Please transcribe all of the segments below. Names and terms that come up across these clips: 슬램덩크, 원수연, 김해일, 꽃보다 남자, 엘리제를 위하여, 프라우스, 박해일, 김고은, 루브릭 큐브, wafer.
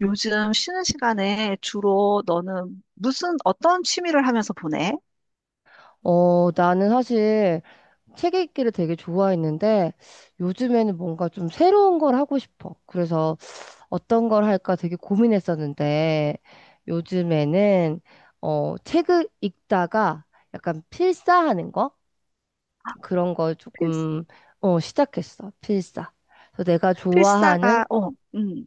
요즘 쉬는 시간에 주로 너는 무슨 어떤 취미를 하면서 보내? 나는 사실 책 읽기를 되게 좋아했는데 요즘에는 뭔가 좀 새로운 걸 하고 싶어. 그래서 어떤 걸 할까 되게 고민했었는데 요즘에는 책을 읽다가 약간 필사하는 거? 그런 걸 필, 조금 시작했어. 필사. 그래서 내가 좋아하는 필사가 음,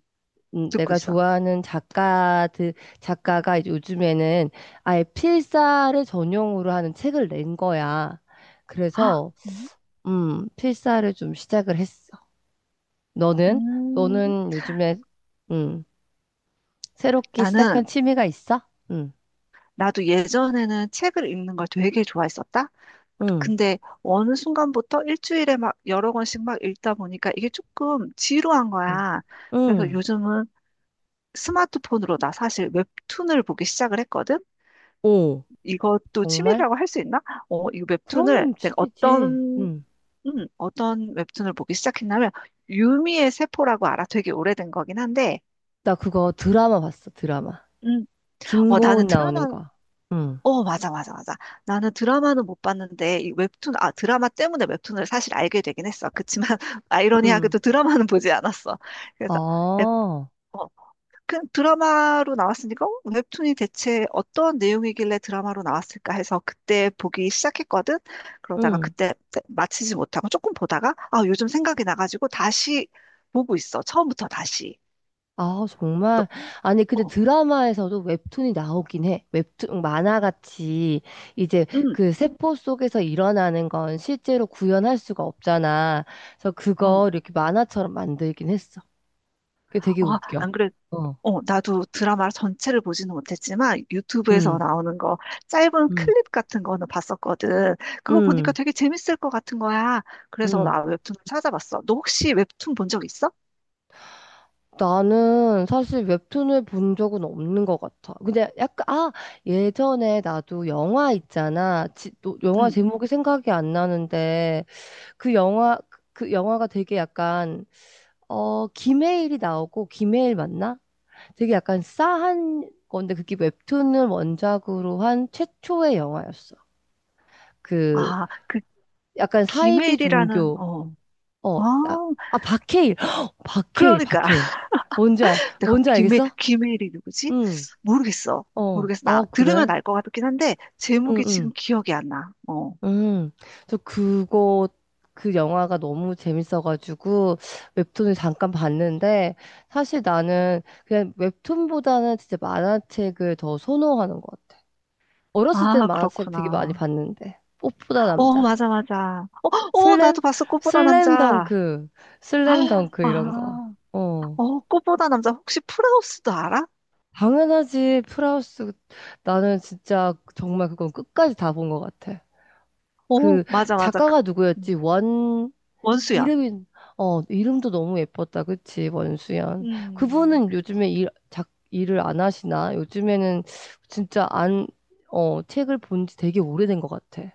음, 듣고 내가 있어. 좋아하는 작가가 이제 요즘에는 아예 필사를 전용으로 하는 책을 낸 거야. 헉, 그래서 음, 필사를 좀 시작을 했어. 너는? 음, 너는 요즘에, 음, 새롭게 시작한 나는 취미가 있어? 응, 나도 예전에는 책을 읽는 걸 되게 좋아했었다. 응, 근데 어느 순간부터 일주일에 막 여러 권씩 막 읽다 보니까 이게 조금 지루한 응, 거야. 그래서 응. 요즘은 스마트폰으로 나 사실 웹툰을 보기 시작을 했거든. 오, 이것도 정말? 취미라고 할 수 있나? 어, 이 웹툰을 그럼 내가 취미지. 어떤 응. 어떤 웹툰을 보기 시작했냐면 유미의 세포라고 알아. 되게 오래된 거긴 한데, 나 그거 드라마 봤어, 드라마. 음, 어 나는 김고은 드라마, 나오는 거. 응, 어 맞아, 맞아, 맞아. 나는 드라마는 못 봤는데 이 웹툰, 아 드라마 때문에 웹툰을 사실 알게 되긴 했어. 그치만 응. 아이러니하게도 드라마는 보지 않았어. 그래서 에, 아, 어, 그 드라마로 나왔으니까 어? 웹툰이 대체 어떤 내용이길래 드라마로 나왔을까 해서 그때 보기 시작했거든. 그러다가 응. 그때 마치지 못하고 조금 보다가 아, 요즘 생각이 나가지고 다시 보고 있어. 처음부터 다시. 아, 너, 정말. 아니, 근데 어, 드라마에서도 웹툰이 나오긴 해. 웹툰, 만화같이 이제 응, 그 세포 속에서 일어나는 건 실제로 구현할 수가 없잖아. 그래서 응. 그걸 이렇게 만화처럼 만들긴 했어. 그게 되게 어, 웃겨. 안 그래. 어. 어, 나도 드라마 전체를 보지는 못했지만 유튜브에서 응, 나오는 거 짧은 응, 클립 같은 거는 봤었거든. 그거 보니까 응, 되게 재밌을 것 같은 거야. 그래서 응. 나 웹툰을 찾아봤어. 너 혹시 웹툰 본 적 있어? 나는 사실 웹툰을 본 적은 없는 것 같아. 근데 약간, 예전에 나도 영화 있잖아. 또 영화 응. 제목이 생각이 안 나는데. 그 영화 그 영화가 되게 약간 김해일이 나오고 김해일 맞나? 되게 약간 싸한 건데 그게 웹툰을 원작으로 한 최초의 영화였어. 그 아, 그 약간 사이비 기메일이라는 종교 어. 어 아, 아, 박해일 박해일 그러니까 박해일 뭔지 알 내가 뭔지 알겠어? 기메일이 누구지? 응. 모르겠어. 어. 모르겠어. 나 아 들으면 그래? 알 것 같긴 한데 제목이 응응. 지금 기억이 안 나. 어. 음, 저 그거, 그 영화가 너무 재밌어가지고 웹툰을 잠깐 봤는데 사실 나는 그냥 웹툰보다는 진짜 만화책을 더 선호하는 것 같아. 어렸을 땐 아, 만화책 되게 많이 그렇구나. 봤는데. 꽃보다 어, 남자. 맞아, 맞아. 슬램? 나도 봤어. 꽃보다 남자. 슬램덩크. 아, 슬램덩크 이런 거. 아. 어. 어, 꽃보다 남자. 혹시 프라우스도 알아? 당연하지. 프라우스. 나는 진짜 정말 그건 끝까지 다 본 것 같아. 어, 그 맞아, 맞아. 그, 작가가 음, 누구였지? 원수연. 이름이, 이름도 너무 예뻤다. 그치, 원수연. 음, 그분은 요즘에 일을 안 하시나? 요즘에는 진짜 안, 어, 책을 본지 되게 오래된 것 같아.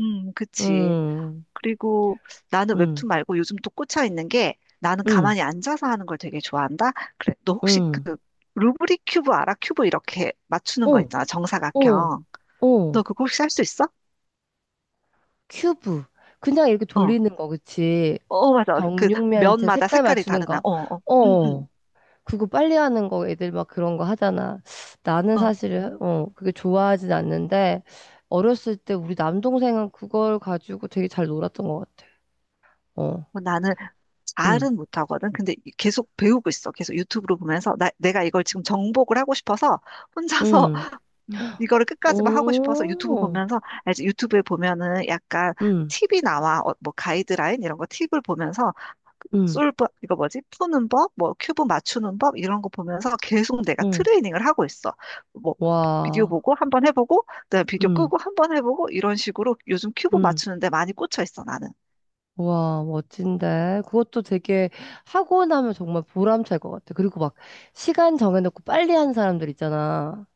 그치. 음, 그리고 나는 음, 웹툰 말고 요즘 또 꽂혀 있는 게 나는 음, 가만히 앉아서 하는 걸 되게 좋아한다. 그래, 너 혹시 음. 그 루브릭 큐브 알아? 큐브 이렇게 맞추는 거 어, 있잖아. 어, 정사각형. 어. 너 그거 혹시 할 수 있어? 큐브. 그냥 이렇게 어. 어, 돌리는 거, 그치? 어, 맞아. 그 정육면체 면마다 색깔 색깔이 맞추는 다르나? 거. 어, 어. 어. 응, 응. 어. 그거 빨리 하는 거 애들 막 그런 거 하잖아. 나는 어. 사실 그게 좋아하진 않는데 어렸을 때 우리 남동생은 그걸 가지고 되게 잘 놀았던 것 같아. 어, 뭐 나는 응, 잘은 못하거든. 근데 계속 배우고 있어. 계속 유튜브로 보면서 나, 내가 이걸 지금 정복을 하고 싶어서 혼자서 응, 이거를 끝까지 막 하고 싶어서 유튜브 오, 보면서 알지? 유튜브에 보면은 약간 응, 팁이 나와. 어, 뭐 가이드라인 이런 거 팁을 보면서 그 응, 솔브 이거 뭐지, 푸는 법, 뭐 큐브 맞추는 법 이런 거 보면서 계속 내가 응, 트레이닝을 하고 있어. 뭐 비디오 와, 보고 한 번 해보고 그다음에 비디오 응, 끄고 한 번 해보고 이런 식으로 요즘 큐브 응, 맞추는데 많이 꽂혀 있어 나는. 와, 멋진데. 그것도 되게 하고 나면 정말 보람찰 것 같아. 그리고 막 시간 정해놓고 빨리 하는 사람들 있잖아.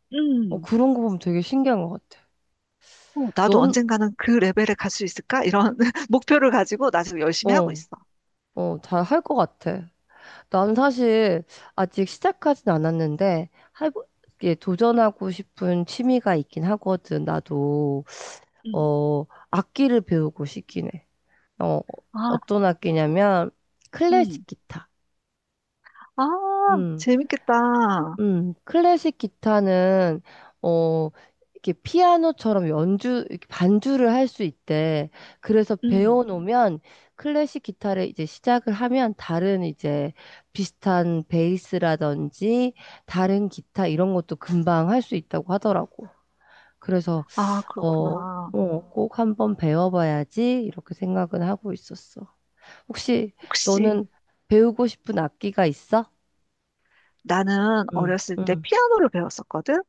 어, 음 그런 거 보면 되게 신기한 것 같아. 어, 나도 넌, 언젠가는 그 레벨에 갈 수 있을까 이런 목표를 가지고 나 지금 열심히 하고 어. 있어. 잘 할 것 같아. 난 사실 아직 시작하진 않았는데 해보, 예, 도전하고 싶은 취미가 있긴 하거든. 나도 음. 어 악기를 배우고 싶긴 해. 어 아, 어떤 악기냐면 음. 클래식 기타. 아, 음. 재밌겠다. 클래식 기타는 어 이렇게 피아노처럼 연주 이렇게 반주를 할 수 있대. 그래서 음. 배워놓으면 클래식 기타를 이제 시작을 하면 다른 이제 비슷한 베이스라든지 다른 기타 이런 것도 금방 할 수 있다고 하더라고. 그래서 아, 어, 그렇구나. 꼭 한번 배워봐야지 이렇게 생각은 하고 있었어. 혹시 혹시 너는 배우고 싶은 악기가 있어? 나는 응, 어렸을 때 응, 피아노를 배웠었거든?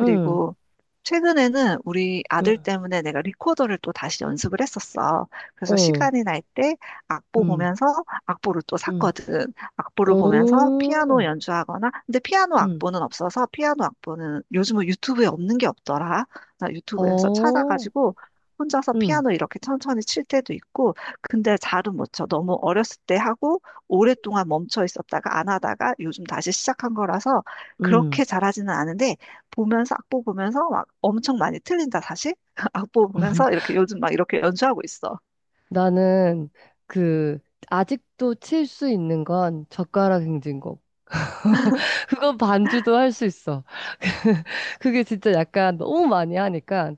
응, 최근에는 우리 아들 응. 때문에 내가 리코더를 또 다시 연습을 했었어. 그래서 어, 시간이 날 때 악보 음, 보면서 악보를 또 음, 샀거든. 악보를 보면서 피아노 오, 연주하거나, 근데 피아노 음, 악보는 없어서 피아노 악보는 요즘은 유튜브에 없는 게 없더라. 나 유튜브에서 어, 찾아가지고 혼자서 음, 피아노 이렇게 천천히 칠 때도 있고, 근데 잘은 못 쳐. 너무 어렸을 때 하고 오랫동안 멈춰 있었다가 안 하다가 요즘 다시 시작한 거라서 음. 그렇게 잘하지는 않은데 보면서 악보 보면서 막 엄청 많이 틀린다 다시 악보 보면서 이렇게 요즘 막 이렇게 연주하고 있어. 나는 그 아직도 칠 수 있는 건 젓가락 행진곡. 그거 반주도 할 수 있어. 그게 진짜 약간 너무 많이 하니까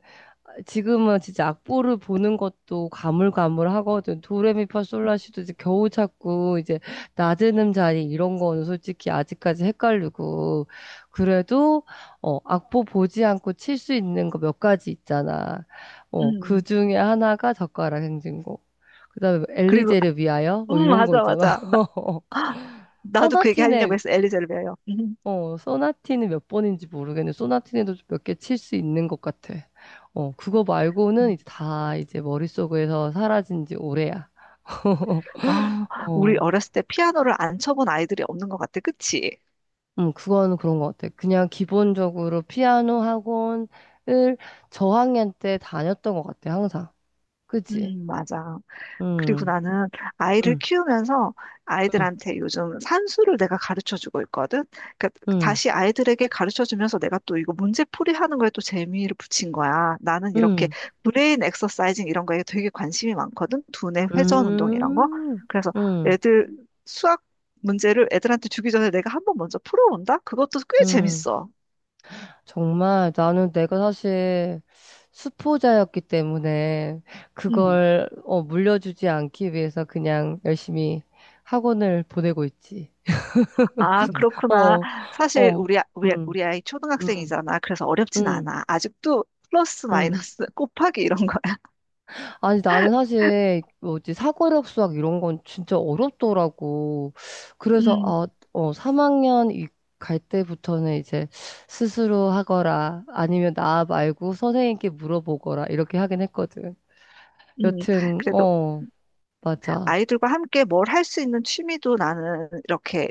지금은 진짜 악보를 보는 것도 가물가물하거든. 도레미파솔라시도 이제 겨우 찾고 이제 낮은 음자리 이런 거는 솔직히 아직까지 헷갈리고 그래도 악보 보지 않고 칠 수 있는 거 몇 가지 있잖아. 어그 음 중에 하나가 젓가락 행진곡. 그다음에 뭐 그리고 엘리제를 위하여 뭐 이런 거 맞아, 있잖아. 맞아 나 나도 그 얘기 하려고 소나틴에 했어. 엘리제를 배워요. 소나티는 몇 번인지 모르겠는데, 소나티네도 몇 개 칠 수 있는 것 같아. 그거 말고는 음. 이제 다 이제 머릿속에서 사라진 지 오래야. 아, 우리 어, 어렸을 때 피아노를 안 쳐본 아이들이 없는 것 같아, 그치? 그거는 그런 것 같아. 그냥 기본적으로 피아노 학원을 저학년 때 다녔던 것 같아, 항상. 그치? 음, 맞아. 그리고 음, 나는 아이를 음, 키우면서 음, 아이들한테 요즘 산수를 내가 가르쳐 주고 있거든. 그러니까 음, 다시 아이들에게 가르쳐 주면서 내가 또 이거 문제풀이 하는 거에 또 재미를 붙인 거야. 나는 이렇게 음, 브레인 엑서사이징 이런 거에 되게 관심이 많거든. 두뇌 회전 운동 이런 거. 음, 그래서 음, 애들 수학 문제를 애들한테 주기 전에 내가 한번 먼저 풀어본다? 그것도 꽤 음, 재밌어. 정말 나는 내가 사실 수포자였기 때문에 그걸 물려주지 않기 위해서 그냥 열심히 학원을 보내고 있지. 아, 그렇구나. 어, 어, 우리, 음, 우리 아이 음, 초등학생이잖아. 그래서 어렵진 음, 않아. 아직도 플러스 음. 마이너스 곱하기 이런 거야. 아니, 나는 사실 뭐지, 사고력 수학 이런 건 진짜 어렵더라고. 그래서, 음, 3학년 갈 때부터는 이제 스스로 하거라, 아니면 나 말고 선생님께 물어보거라, 이렇게 하긴 했거든. 음. 여튼, 그래도 맞아. 아이들과 함께 뭘 할 수 있는 취미도 나는 이렇게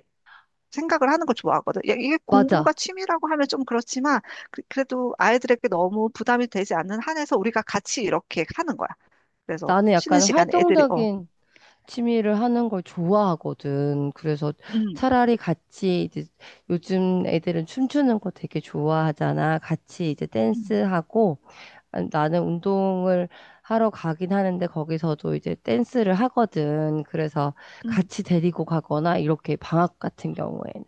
생각을 하는 걸 좋아하거든. 야, 이게 공부가 맞아. 취미라고 하면 좀 그렇지만 그, 래도 아이들에게 너무 부담이 되지 않는 한에서 우리가 같이 이렇게 하는 거야. 그래서 나는 쉬는 약간 시간에 애들이 어, 활동적인 취미를 하는 걸 좋아하거든. 그래서 음, 차라리 같이 이제 요즘 애들은 춤추는 거 되게 좋아하잖아. 같이 이제 음, 댄스하고 나는 운동을 하러 가긴 하는데 거기서도 이제 댄스를 하거든. 그래서 음, 같이 데리고 가거나 이렇게 방학 같은 경우에는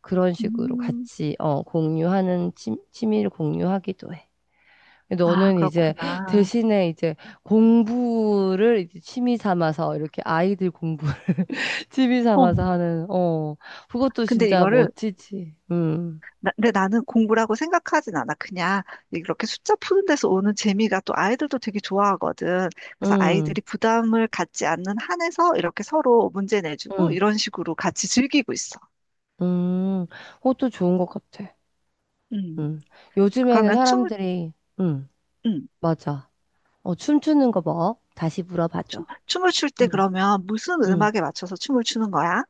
그런 식으로 음. 같이 공유하는 취미를 공유하기도 해. 아, 너는 이제 그렇구나. 대신에 이제 공부를 이제 취미 삼아서 이렇게 아이들 공부 취미 어, 삼아서 하는 그것도 근데 진짜 이거를 멋지지. 음. 근데 나는 공부라고 생각하진 않아. 그냥 이렇게 숫자 푸는 데서 오는 재미가 또 아이들도 되게 좋아하거든. 그래서 음. 아이들이 부담을 갖지 않는 한에서 이렇게 서로 문제 내주고 음. 이런 식으로 같이 즐기고 있어. 음. 그것도 좋은 것 같아. 음. 음. 요즘에는 그러면 춤을, 사람들이 음. 음. 맞아. 춤추는 거 뭐? 다시 물어봐줘. 춤을 출 때 음. 그러면 무슨 음. 음악에 맞춰서 춤을 추는 거야?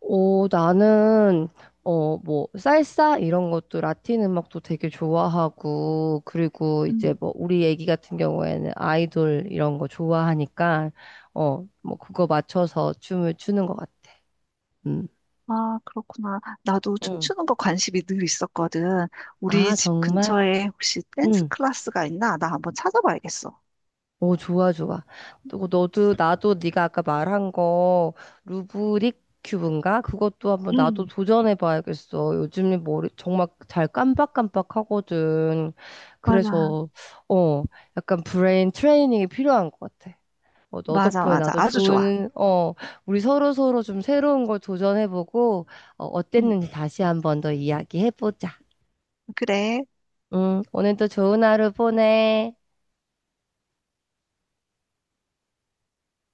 오, 나는, 뭐, 살사 이런 것도 라틴 음악도 되게 좋아하고, 그리고 이제 음. 뭐, 우리 애기 같은 경우에는 아이돌 이런 거 좋아하니까, 뭐, 그거 맞춰서 춤을 추는 것 같아. 음. 아, 그렇구나. 나도 응. 춤추는 거 관심이 늘 있었거든. 우리 아, 집 정말? 근처에 혹시 댄스 응. 클래스가 있나? 나 한번 찾아봐야겠어. 오, 좋아, 좋아. 또 너도 나도 네가 아까 말한 거 루브릭 큐브인가? 그것도 한번 나도 음. 도전해 봐야겠어. 요즘에 머리 정말 잘 깜빡깜빡하거든. 맞아. 그래서 어, 약간 브레인 트레이닝이 필요한 것 같아. 너 맞아, 덕분에 맞아. 나도 아주 좋아. 우리 서로 서로 좀 새로운 걸 도전해 보고 응, 어땠는지 다시 한번 더 이야기해 보자. 그래. 응, 오늘도 좋은 하루 보내.